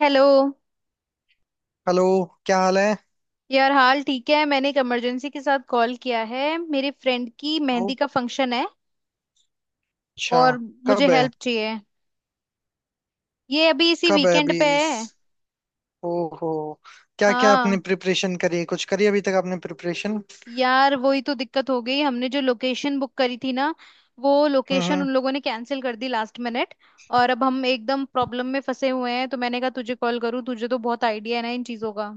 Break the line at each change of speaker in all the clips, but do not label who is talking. Hello.
Hello. क्या हाल है?
यार हाल ठीक है, मैंने एक इमरजेंसी के साथ कॉल किया है। मेरे फ्रेंड की मेहंदी
ओ,
का फंक्शन है
अच्छा।
और मुझे
कब है?
हेल्प चाहिए। ये अभी इसी
कब है
वीकेंड
अभी
पे
इस?
है।
ओहो। क्या क्या आपने
हाँ
प्रिपरेशन करी है, कुछ करी अभी तक आपने प्रिपरेशन?
यार, वही तो दिक्कत हो गई। हमने जो लोकेशन बुक करी थी ना, वो
हम्म,
लोकेशन उन लोगों ने कैंसिल कर दी लास्ट मिनट। और अब हम एकदम प्रॉब्लम में फंसे हुए हैं, तो मैंने कहा तुझे कॉल करूँ, तुझे तो बहुत आइडिया है ना इन चीज़ों का।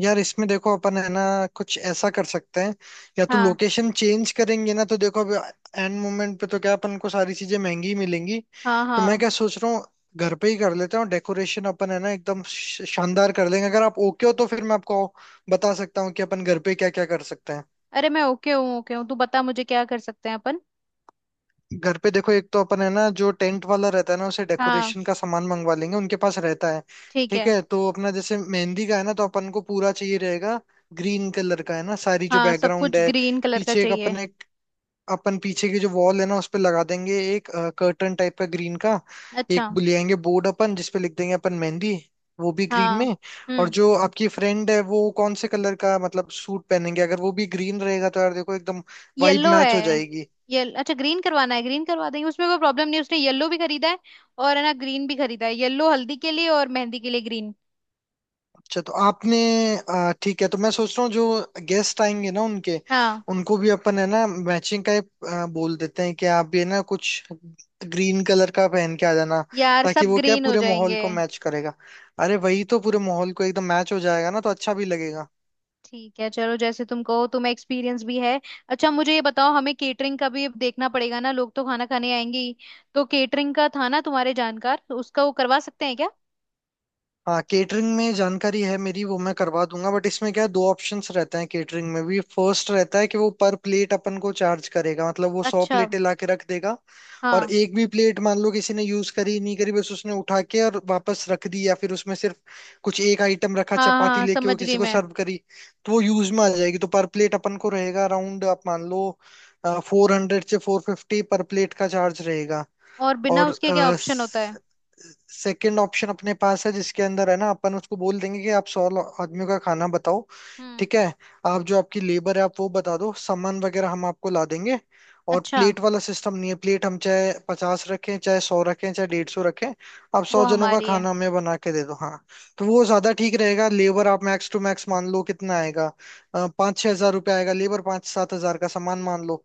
यार इसमें देखो, अपन है ना कुछ ऐसा कर सकते हैं। या तो
हाँ
लोकेशन चेंज करेंगे ना, तो देखो अभी एंड मोमेंट पे तो क्या अपन को सारी चीजें महंगी ही मिलेंगी।
हाँ।
तो मैं
हाँ।
क्या सोच रहा हूँ, घर पे ही कर लेते हैं, और डेकोरेशन अपन है ना एकदम शानदार कर लेंगे। अगर आप ओके हो तो फिर मैं आपको बता सकता हूँ कि अपन घर पे क्या क्या कर सकते हैं।
अरे मैं ओके हूँ, ओके हूँ, तू बता मुझे क्या कर सकते हैं अपन।
घर पे देखो, एक तो अपन है ना जो टेंट वाला रहता है ना, उसे
हाँ
डेकोरेशन का सामान मंगवा लेंगे, उनके पास रहता है।
ठीक
ठीक
है।
है, तो अपना जैसे मेहंदी का है ना, तो अपन को पूरा चाहिए रहेगा ग्रीन कलर का, है ना, सारी जो
हाँ, सब
बैकग्राउंड
कुछ
है
ग्रीन कलर का
पीछे एक
चाहिए।
अपने, अपन पीछे की जो वॉल है ना उस पे लगा देंगे एक कर्टन टाइप का, ग्रीन का।
अच्छा।
एक ले आएंगे बोर्ड अपन, जिसपे लिख देंगे अपन मेहंदी, वो भी ग्रीन
हाँ।
में। और
हम्म।
जो आपकी फ्रेंड है वो कौन से कलर का मतलब सूट पहनेंगे? अगर वो भी ग्रीन रहेगा तो यार देखो एकदम वाइब
येलो है।
मैच हो जाएगी।
ये अच्छा, ग्रीन करवाना है ग्रीन करवा देंगे, उसमें कोई प्रॉब्लम नहीं है, उसने येलो भी खरीदा है और है ना ग्रीन भी खरीदा है। येलो हल्दी के लिए और मेहंदी के लिए ग्रीन।
अच्छा, तो आपने ठीक है। तो मैं सोच रहा हूँ जो गेस्ट आएंगे ना उनके,
हाँ
उनको भी अपन है ना मैचिंग का एक, बोल देते हैं कि आप भी है ना कुछ ग्रीन कलर का पहन के आ जाना,
यार,
ताकि
सब
वो क्या
ग्रीन हो
पूरे माहौल
जाएंगे।
को मैच करेगा। अरे वही तो पूरे माहौल को एकदम मैच हो जाएगा ना, तो अच्छा भी लगेगा।
ठीक है चलो, जैसे तुम कहो, तुम्हें एक्सपीरियंस भी है। अच्छा मुझे ये बताओ, हमें केटरिंग का भी अब देखना पड़ेगा ना, लोग तो खाना खाने आएंगे ही। तो केटरिंग का था ना तुम्हारे जानकार, तो उसका वो करवा सकते हैं क्या?
हाँ, केटरिंग में जानकारी है मेरी, वो मैं करवा दूंगा। बट इसमें क्या है, दो ऑप्शंस रहते हैं केटरिंग में भी। फर्स्ट रहता है कि वो पर प्लेट अपन को चार्ज करेगा, मतलब वो सौ
अच्छा।
प्लेटें ला के रख देगा, और
हाँ।
एक भी प्लेट मान लो किसी ने यूज करी नहीं करी, बस उसने उठा के और वापस रख दी, या फिर उसमें सिर्फ कुछ एक आइटम रखा,
हाँ
चपाती
हाँ
लेके वो
समझ
किसी
गई
को
मैं।
सर्व करी, तो वो यूज में आ जाएगी। तो पर प्लेट अपन को रहेगा अराउंड, आप मान लो 400 से 450 पर प्लेट का चार्ज रहेगा।
और बिना
और
उसके क्या ऑप्शन होता है?
सेकंड ऑप्शन अपने पास है, जिसके अंदर है ना अपन उसको बोल देंगे कि आप 100 आदमियों का खाना बताओ,
हम्म।
ठीक है? आप जो आपकी लेबर है आप वो बता दो, सामान वगैरह हम आपको ला देंगे, और
अच्छा।
प्लेट वाला सिस्टम नहीं है। प्लेट हम चाहे 50 रखें, चाहे 100 रखें, चाहे 150 रखें, आप
वो
100 जनों का
हमारी है।
खाना हमें बना के दे दो। हाँ, तो वो ज्यादा ठीक रहेगा। लेबर आप मैक्स टू मैक्स मान लो कितना आएगा, 5-6 हज़ार रुपये आएगा लेबर, 5-7 हज़ार का सामान मान लो।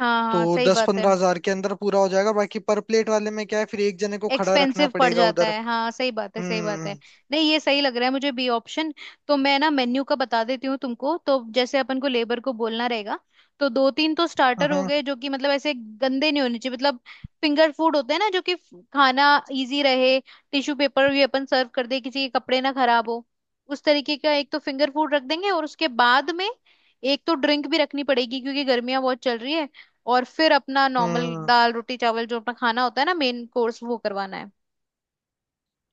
हाँ
तो
हाँ, सही
दस
बात है।
पंद्रह हजार के अंदर पूरा हो जाएगा। बाकी पर प्लेट वाले में क्या है, फिर एक जने को खड़ा रखना
एक्सपेंसिव पड़
पड़ेगा
जाता
उधर।
है, हाँ सही बात है, सही बात है।
हम्म
नहीं, ये सही लग रहा है मुझे, बी ऑप्शन। तो मैं ना मेन्यू का बता देती हूँ तुमको, तो जैसे अपन को लेबर को बोलना रहेगा। तो दो तीन तो स्टार्टर हो
हम्म
गए, जो कि मतलब ऐसे गंदे नहीं होने चाहिए, मतलब फिंगर फूड होते हैं ना, जो कि खाना इजी रहे। टिश्यू पेपर भी अपन सर्व कर दे, किसी के कपड़े ना खराब हो, उस तरीके का। एक तो फिंगर फूड रख देंगे, और उसके बाद में एक तो ड्रिंक भी रखनी पड़ेगी, क्योंकि गर्मियां बहुत चल रही है। और फिर अपना नॉर्मल
हम्म
दाल रोटी चावल जो अपना खाना होता है ना, मेन कोर्स, वो करवाना है।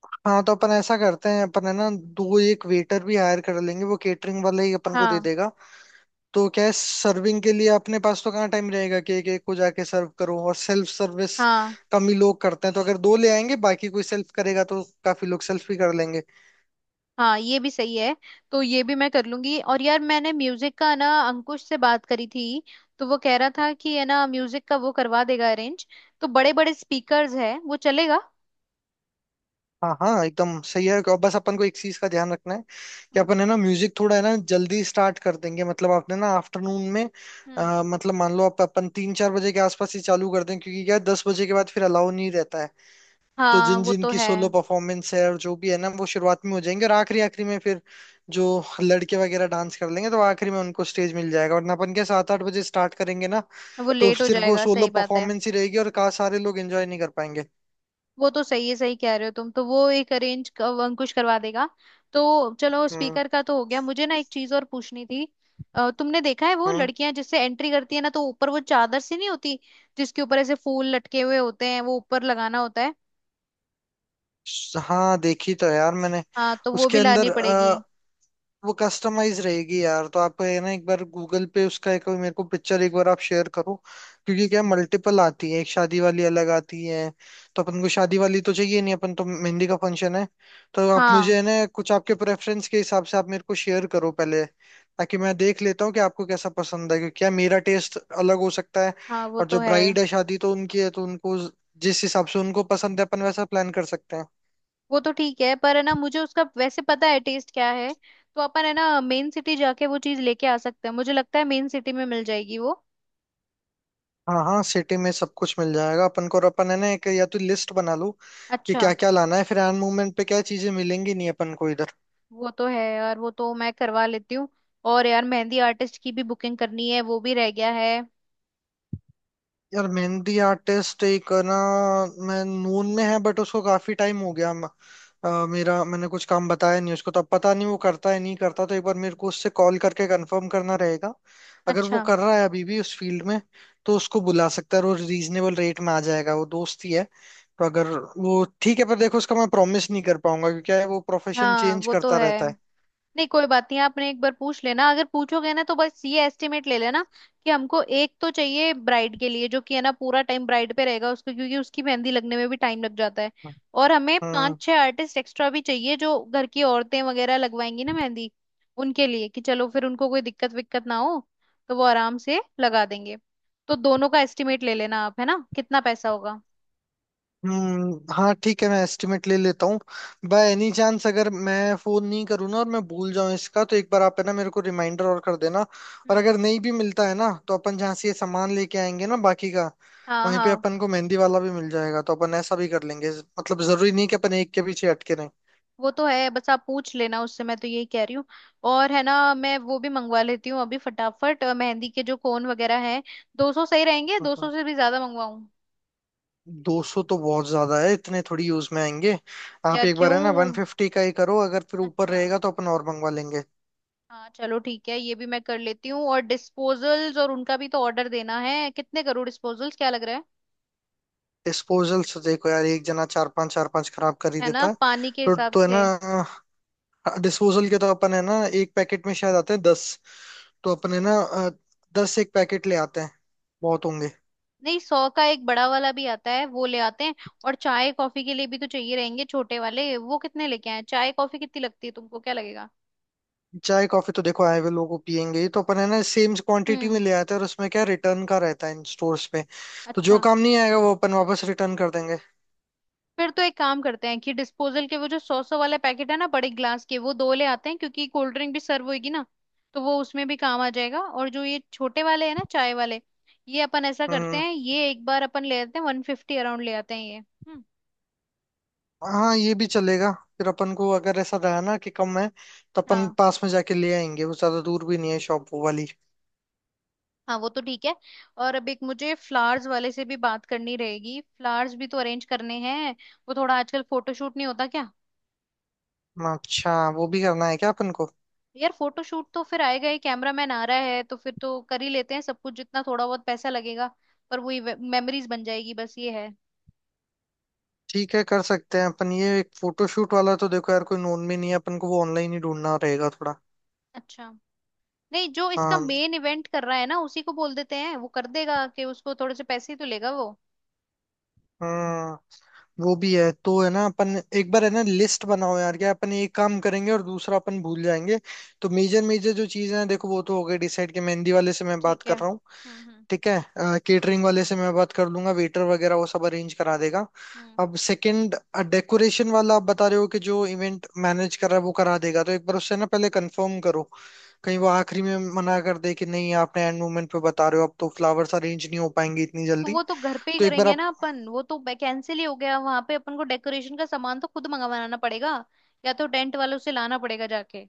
हाँ, तो अपन ऐसा करते हैं, अपन है ना दो एक वेटर भी हायर कर लेंगे, वो केटरिंग वाला ही अपन को दे
हाँ।
देगा। तो क्या है, सर्विंग के लिए अपने पास तो कहाँ टाइम रहेगा कि एक एक को जाके सर्व करो, और सेल्फ सर्विस
हाँ।
कम ही लोग करते हैं। तो अगर दो ले आएंगे, बाकी कोई सेल्फ करेगा तो काफी लोग सेल्फ भी कर लेंगे।
हाँ ये भी सही है। तो ये भी मैं कर लूंगी। और यार मैंने म्यूजिक का ना अंकुश से बात करी थी, तो वो कह रहा था कि है ना, म्यूजिक का वो करवा देगा अरेंज। तो बड़े बड़े स्पीकर्स है, वो चलेगा।
हाँ हाँ, एकदम सही है। और बस अपन को एक चीज का ध्यान रखना है कि
हम्म
अपन है ना म्यूजिक थोड़ा है ना जल्दी स्टार्ट कर देंगे, मतलब आपने ना आफ्टरनून में,
हम्म।
मतलब मान लो आप अपन 3-4 बजे के आसपास ही चालू कर दें। क्योंकि क्या है, 10 बजे के बाद फिर अलाउ नहीं रहता है। तो
हाँ
जिन
वो
जिन
तो
की
है।
सोलो परफॉर्मेंस है और जो भी है ना, वो शुरुआत में हो जाएंगे, और आखिरी आखिरी में फिर जो लड़के वगैरह डांस कर लेंगे तो आखिरी में उनको स्टेज मिल जाएगा। वरना अपन क्या 7-8 बजे स्टार्ट करेंगे ना,
वो
तो
लेट हो
सिर्फ वो
जाएगा,
सोलो
सही बात है।
परफॉर्मेंस ही रहेगी और का सारे लोग एंजॉय नहीं कर पाएंगे।
वो तो सही है, सही कह रहे हो तुम, तो वो एक अरेंज अंकुश करवा देगा। तो चलो
हम्म
स्पीकर का तो हो गया। मुझे ना एक चीज और पूछनी थी। तुमने देखा है वो
हम्म
लड़कियां जिससे एंट्री करती है ना, तो ऊपर वो चादर सी नहीं होती, जिसके ऊपर ऐसे फूल लटके हुए होते हैं, वो ऊपर लगाना होता है।
हाँ, देखी तो है यार मैंने।
हाँ, तो वो
उसके
भी लानी
अंदर
पड़ेगी।
वो कस्टमाइज रहेगी यार। तो आप है ना एक बार गूगल पे उसका एक मेरे को पिक्चर एक बार आप शेयर करो, क्योंकि क्या मल्टीपल आती है, एक शादी वाली अलग आती है, तो अपन को शादी वाली तो चाहिए नहीं, अपन तो मेहंदी का फंक्शन है। तो आप मुझे
हाँ।
है ना कुछ आपके प्रेफरेंस के हिसाब से आप मेरे को शेयर करो पहले, ताकि मैं देख लेता हूँ कि आपको कैसा पसंद है। क्योंकि क्या मेरा टेस्ट अलग हो सकता है।
हाँ वो
और
तो
जो
है।
ब्राइड है शादी तो उनकी है, तो उनको जिस हिसाब से उनको पसंद है अपन वैसा प्लान कर सकते हैं।
वो तो ठीक है, पर है ना मुझे उसका वैसे पता है टेस्ट क्या है। तो अपन है ना मेन सिटी जाके वो चीज लेके आ सकते हैं, मुझे लगता है मेन सिटी में मिल जाएगी वो।
हाँ हाँ, सिटी में सब कुछ मिल जाएगा अपन को। और अपन है ना एक या तो लिस्ट बना लो कि
अच्छा।
क्या क्या लाना है, फिर हैंड मूवमेंट पे क्या चीजें मिलेंगी नहीं अपन को इधर।
वो तो है यार, वो तो मैं करवा लेती हूँ। और यार मेहंदी आर्टिस्ट की भी बुकिंग करनी है, वो भी रह गया है।
यार मेहंदी आर्टिस्ट एक ना मैं नून में है, बट उसको काफी टाइम हो गया मेरा, मैंने कुछ काम बताया नहीं उसको, तो अब पता नहीं वो करता है नहीं करता। तो एक बार मेरे को उससे कॉल करके कंफर्म करना रहेगा, अगर वो
अच्छा।
कर रहा है अभी भी उस फील्ड में, तो उसको बुला सकता है और रीजनेबल रेट में आ जाएगा, वो दोस्त ही है। तो अगर वो ठीक है, पर देखो उसका मैं प्रॉमिस नहीं कर पाऊंगा, क्योंकि क्या है वो प्रोफेशन
हाँ
चेंज
वो तो
करता
है।
रहता है।
नहीं कोई बात नहीं, आपने एक बार पूछ लेना, अगर पूछोगे ना तो बस ये एस्टिमेट ले लेना, कि हमको एक तो चाहिए ब्राइड के लिए, जो कि है ना पूरा टाइम ब्राइड पे रहेगा उसको, क्योंकि उसकी मेहंदी लगने में भी टाइम लग जाता है। और हमें पांच
हाँ,
छह आर्टिस्ट एक्स्ट्रा भी चाहिए, जो घर की औरतें वगैरह लगवाएंगी ना मेहंदी, उनके लिए, कि चलो फिर उनको कोई दिक्कत विक्कत ना हो, तो वो आराम से लगा देंगे। तो दोनों का एस्टिमेट ले लेना आप है ना, कितना पैसा होगा।
हाँ ठीक है, मैं एस्टिमेट ले लेता हूँ। बाय एनी चांस अगर मैं फोन नहीं करूँ ना और मैं भूल जाऊँ इसका, तो एक बार आप है ना मेरे को रिमाइंडर और कर देना। और
हम्म।
अगर नहीं भी मिलता है ना तो अपन जहाँ से ये सामान लेके आएंगे ना बाकी का,
हाँ।
वहीं पे
हाँ
अपन को मेहंदी वाला भी मिल जाएगा, तो अपन ऐसा भी कर लेंगे। मतलब जरूरी नहीं कि अपन एक के पीछे अटके
वो तो है, बस आप पूछ लेना उससे, मैं तो यही कह रही हूँ। और है ना मैं वो भी मंगवा लेती हूँ अभी फटाफट, मेहंदी के जो कोन वगैरह हैं, 200 सही रहेंगे? दो
रहें।
सौ से भी ज्यादा मंगवाऊँ?
200 तो बहुत ज्यादा है, इतने थोड़ी यूज में आएंगे। आप
यार
एक बार है ना
क्यों?
150 का ही करो, अगर फिर ऊपर
अच्छा।
रहेगा तो अपन और मंगवा लेंगे।
हाँ चलो ठीक है, ये भी मैं कर लेती हूँ। और डिस्पोजल्स, और उनका भी तो ऑर्डर देना है, कितने करूँ डिस्पोजल्स, क्या लग रहा है?
डिस्पोजल्स देखो यार, एक जना चार पांच खराब कर ही
है ना,
देता है।
पानी के
तो
हिसाब
तो है
से।
ना, हाँ, डिस्पोजल के तो अपन है ना एक पैकेट में शायद आते हैं 10, तो अपन है ना 10 एक पैकेट ले आते हैं, बहुत होंगे।
नहीं, 100 का एक बड़ा वाला भी आता है, वो ले आते हैं। और चाय कॉफी के लिए भी तो चाहिए रहेंगे छोटे वाले, वो कितने लेके आए? चाय कॉफी कितनी लगती है, तुमको क्या लगेगा?
चाय कॉफी तो देखो आए हुए लोगों को पियेंगे ही, तो अपन है ना सेम क्वांटिटी
हम्म।
में ले आते हैं। और उसमें क्या रिटर्न का रहता है इन स्टोर्स पे, तो जो
अच्छा।
काम नहीं आएगा वो अपन वापस रिटर्न कर देंगे।
फिर तो एक काम करते हैं कि डिस्पोजल के वो जो 100-100 वाले पैकेट है ना बड़े ग्लास के, वो दो ले आते हैं क्योंकि कोल्ड ड्रिंक भी सर्व होगी ना, तो वो उसमें भी काम आ जाएगा। और जो ये छोटे वाले हैं ना, चाय वाले, ये अपन ऐसा करते
हम्म
हैं, ये एक बार अपन ले आते हैं, 150 अराउंड ले आते हैं ये। हम्म।
हाँ, ये भी चलेगा। फिर अपन को अगर ऐसा रहा ना कि कम है, तो अपन
हाँ
पास में जाके ले आएंगे, वो ज्यादा दूर भी नहीं है शॉप वो वाली।
हाँ वो तो ठीक है। और अब एक मुझे फ्लावर्स वाले से भी बात करनी रहेगी, फ्लावर्स भी तो अरेंज करने हैं। वो थोड़ा आजकल फोटोशूट नहीं होता क्या?
अच्छा, वो भी करना है क्या अपन को?
यार फोटोशूट तो फिर आएगा ही, कैमरामैन आ रहा है तो फिर तो कर ही लेते हैं सब कुछ, जितना थोड़ा बहुत पैसा लगेगा, पर वही मेमोरीज बन जाएगी, बस ये है।
ठीक है, कर सकते हैं अपन ये एक फोटोशूट वाला। तो देखो यार कोई नोन में नहीं है अपन को, वो ऑनलाइन ही ढूंढना रहेगा थोड़ा।
अच्छा। नहीं, जो इसका
हाँ,
मेन इवेंट कर रहा है ना, उसी को बोल देते हैं वो कर देगा, कि उसको थोड़े से पैसे ही तो लेगा वो।
हम्म वो भी है। तो है ना अपन एक बार है ना लिस्ट बनाओ यार, क्या अपन एक काम करेंगे और दूसरा अपन भूल जाएंगे। तो मेजर मेजर जो चीजें हैं देखो, वो तो हो गई डिसाइड, कि मेहंदी वाले से मैं बात
ठीक है।
कर रहा हूँ,
हम्म।
ठीक है, केटरिंग वाले से मैं बात कर लूंगा, वेटर वगैरह वो सब अरेंज करा देगा।
हम्म।
अब सेकंड, डेकोरेशन वाला आप बता रहे हो कि जो इवेंट मैनेज कर रहा है वो करा देगा, तो एक बार उससे ना पहले कंफर्म करो, कहीं वो आखिरी में मना कर दे कि नहीं, आपने एंड मोमेंट पे बता रहे हो, अब तो फ्लावर्स अरेंज नहीं हो पाएंगे इतनी
तो
जल्दी।
वो तो घर पे ही
तो एक बार
करेंगे
आप,
ना अपन, वो तो कैंसिल ही हो गया। वहां पे अपन को डेकोरेशन का सामान तो खुद मंगवाना पड़ेगा, या तो टेंट वालों से लाना पड़ेगा जाके।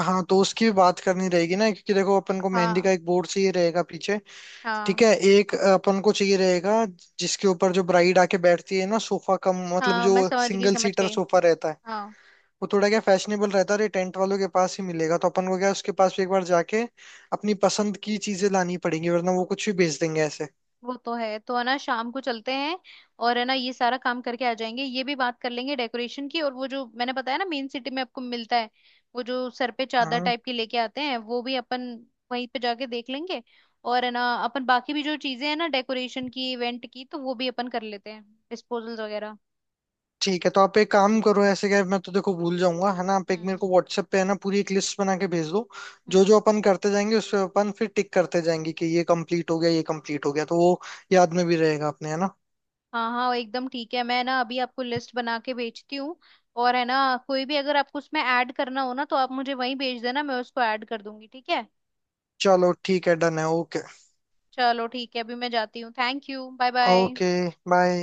हाँ, तो उसकी भी बात करनी रहेगी ना, क्योंकि देखो अपन को मेहंदी
हाँ।
का एक बोर्ड चाहिए रहेगा पीछे।
हाँ।
ठीक है, एक अपन को चाहिए रहेगा जिसके ऊपर जो ब्राइड आके बैठती है ना, सोफा कम मतलब
हाँ
जो
मैं समझ गई,
सिंगल
समझ
सीटर
गई।
सोफा रहता है।
हाँ
वो थोड़ा क्या फैशनेबल रहता है, और ये टेंट वालों के पास ही मिलेगा, तो अपन को क्या उसके पास भी एक बार जाके अपनी पसंद की चीजें लानी पड़ेंगी, वरना वो कुछ भी बेच देंगे ऐसे।
वो तो है, तो है ना शाम को चलते हैं, और है ना ये सारा काम करके आ जाएंगे, ये भी बात कर लेंगे डेकोरेशन की। और वो जो मैंने बताया ना मेन सिटी में आपको मिलता है, वो जो सर पे चादर
हाँ
टाइप की लेके आते हैं, वो भी अपन वहीं पे जाके देख लेंगे। और है ना अपन बाकी भी जो चीजें हैं ना डेकोरेशन की, इवेंट की, तो वो भी अपन कर लेते हैं, डिस्पोजल्स वगैरह।
ठीक है, तो आप एक काम करो। ऐसे क्या है, मैं तो देखो भूल जाऊंगा है ना, आप एक मेरे
हम्म।
को व्हाट्सएप पे है ना पूरी एक लिस्ट बना के भेज दो। जो
हम्म।
जो अपन करते जाएंगे उस पे अपन फिर टिक करते जाएंगे कि ये कंप्लीट हो गया, ये कंप्लीट हो गया, तो वो याद में भी रहेगा अपने है ना।
हाँ हाँ एकदम ठीक है, मैं ना अभी आपको लिस्ट बना के भेजती हूँ। और है ना, कोई भी अगर आपको उसमें ऐड करना हो ना, तो आप मुझे वहीं भेज देना, मैं उसको ऐड कर दूंगी, ठीक है।
चलो ठीक है, डन है। ओके।
चलो ठीक है, अभी मैं जाती हूँ, thank you, bye bye.
Okay, bye.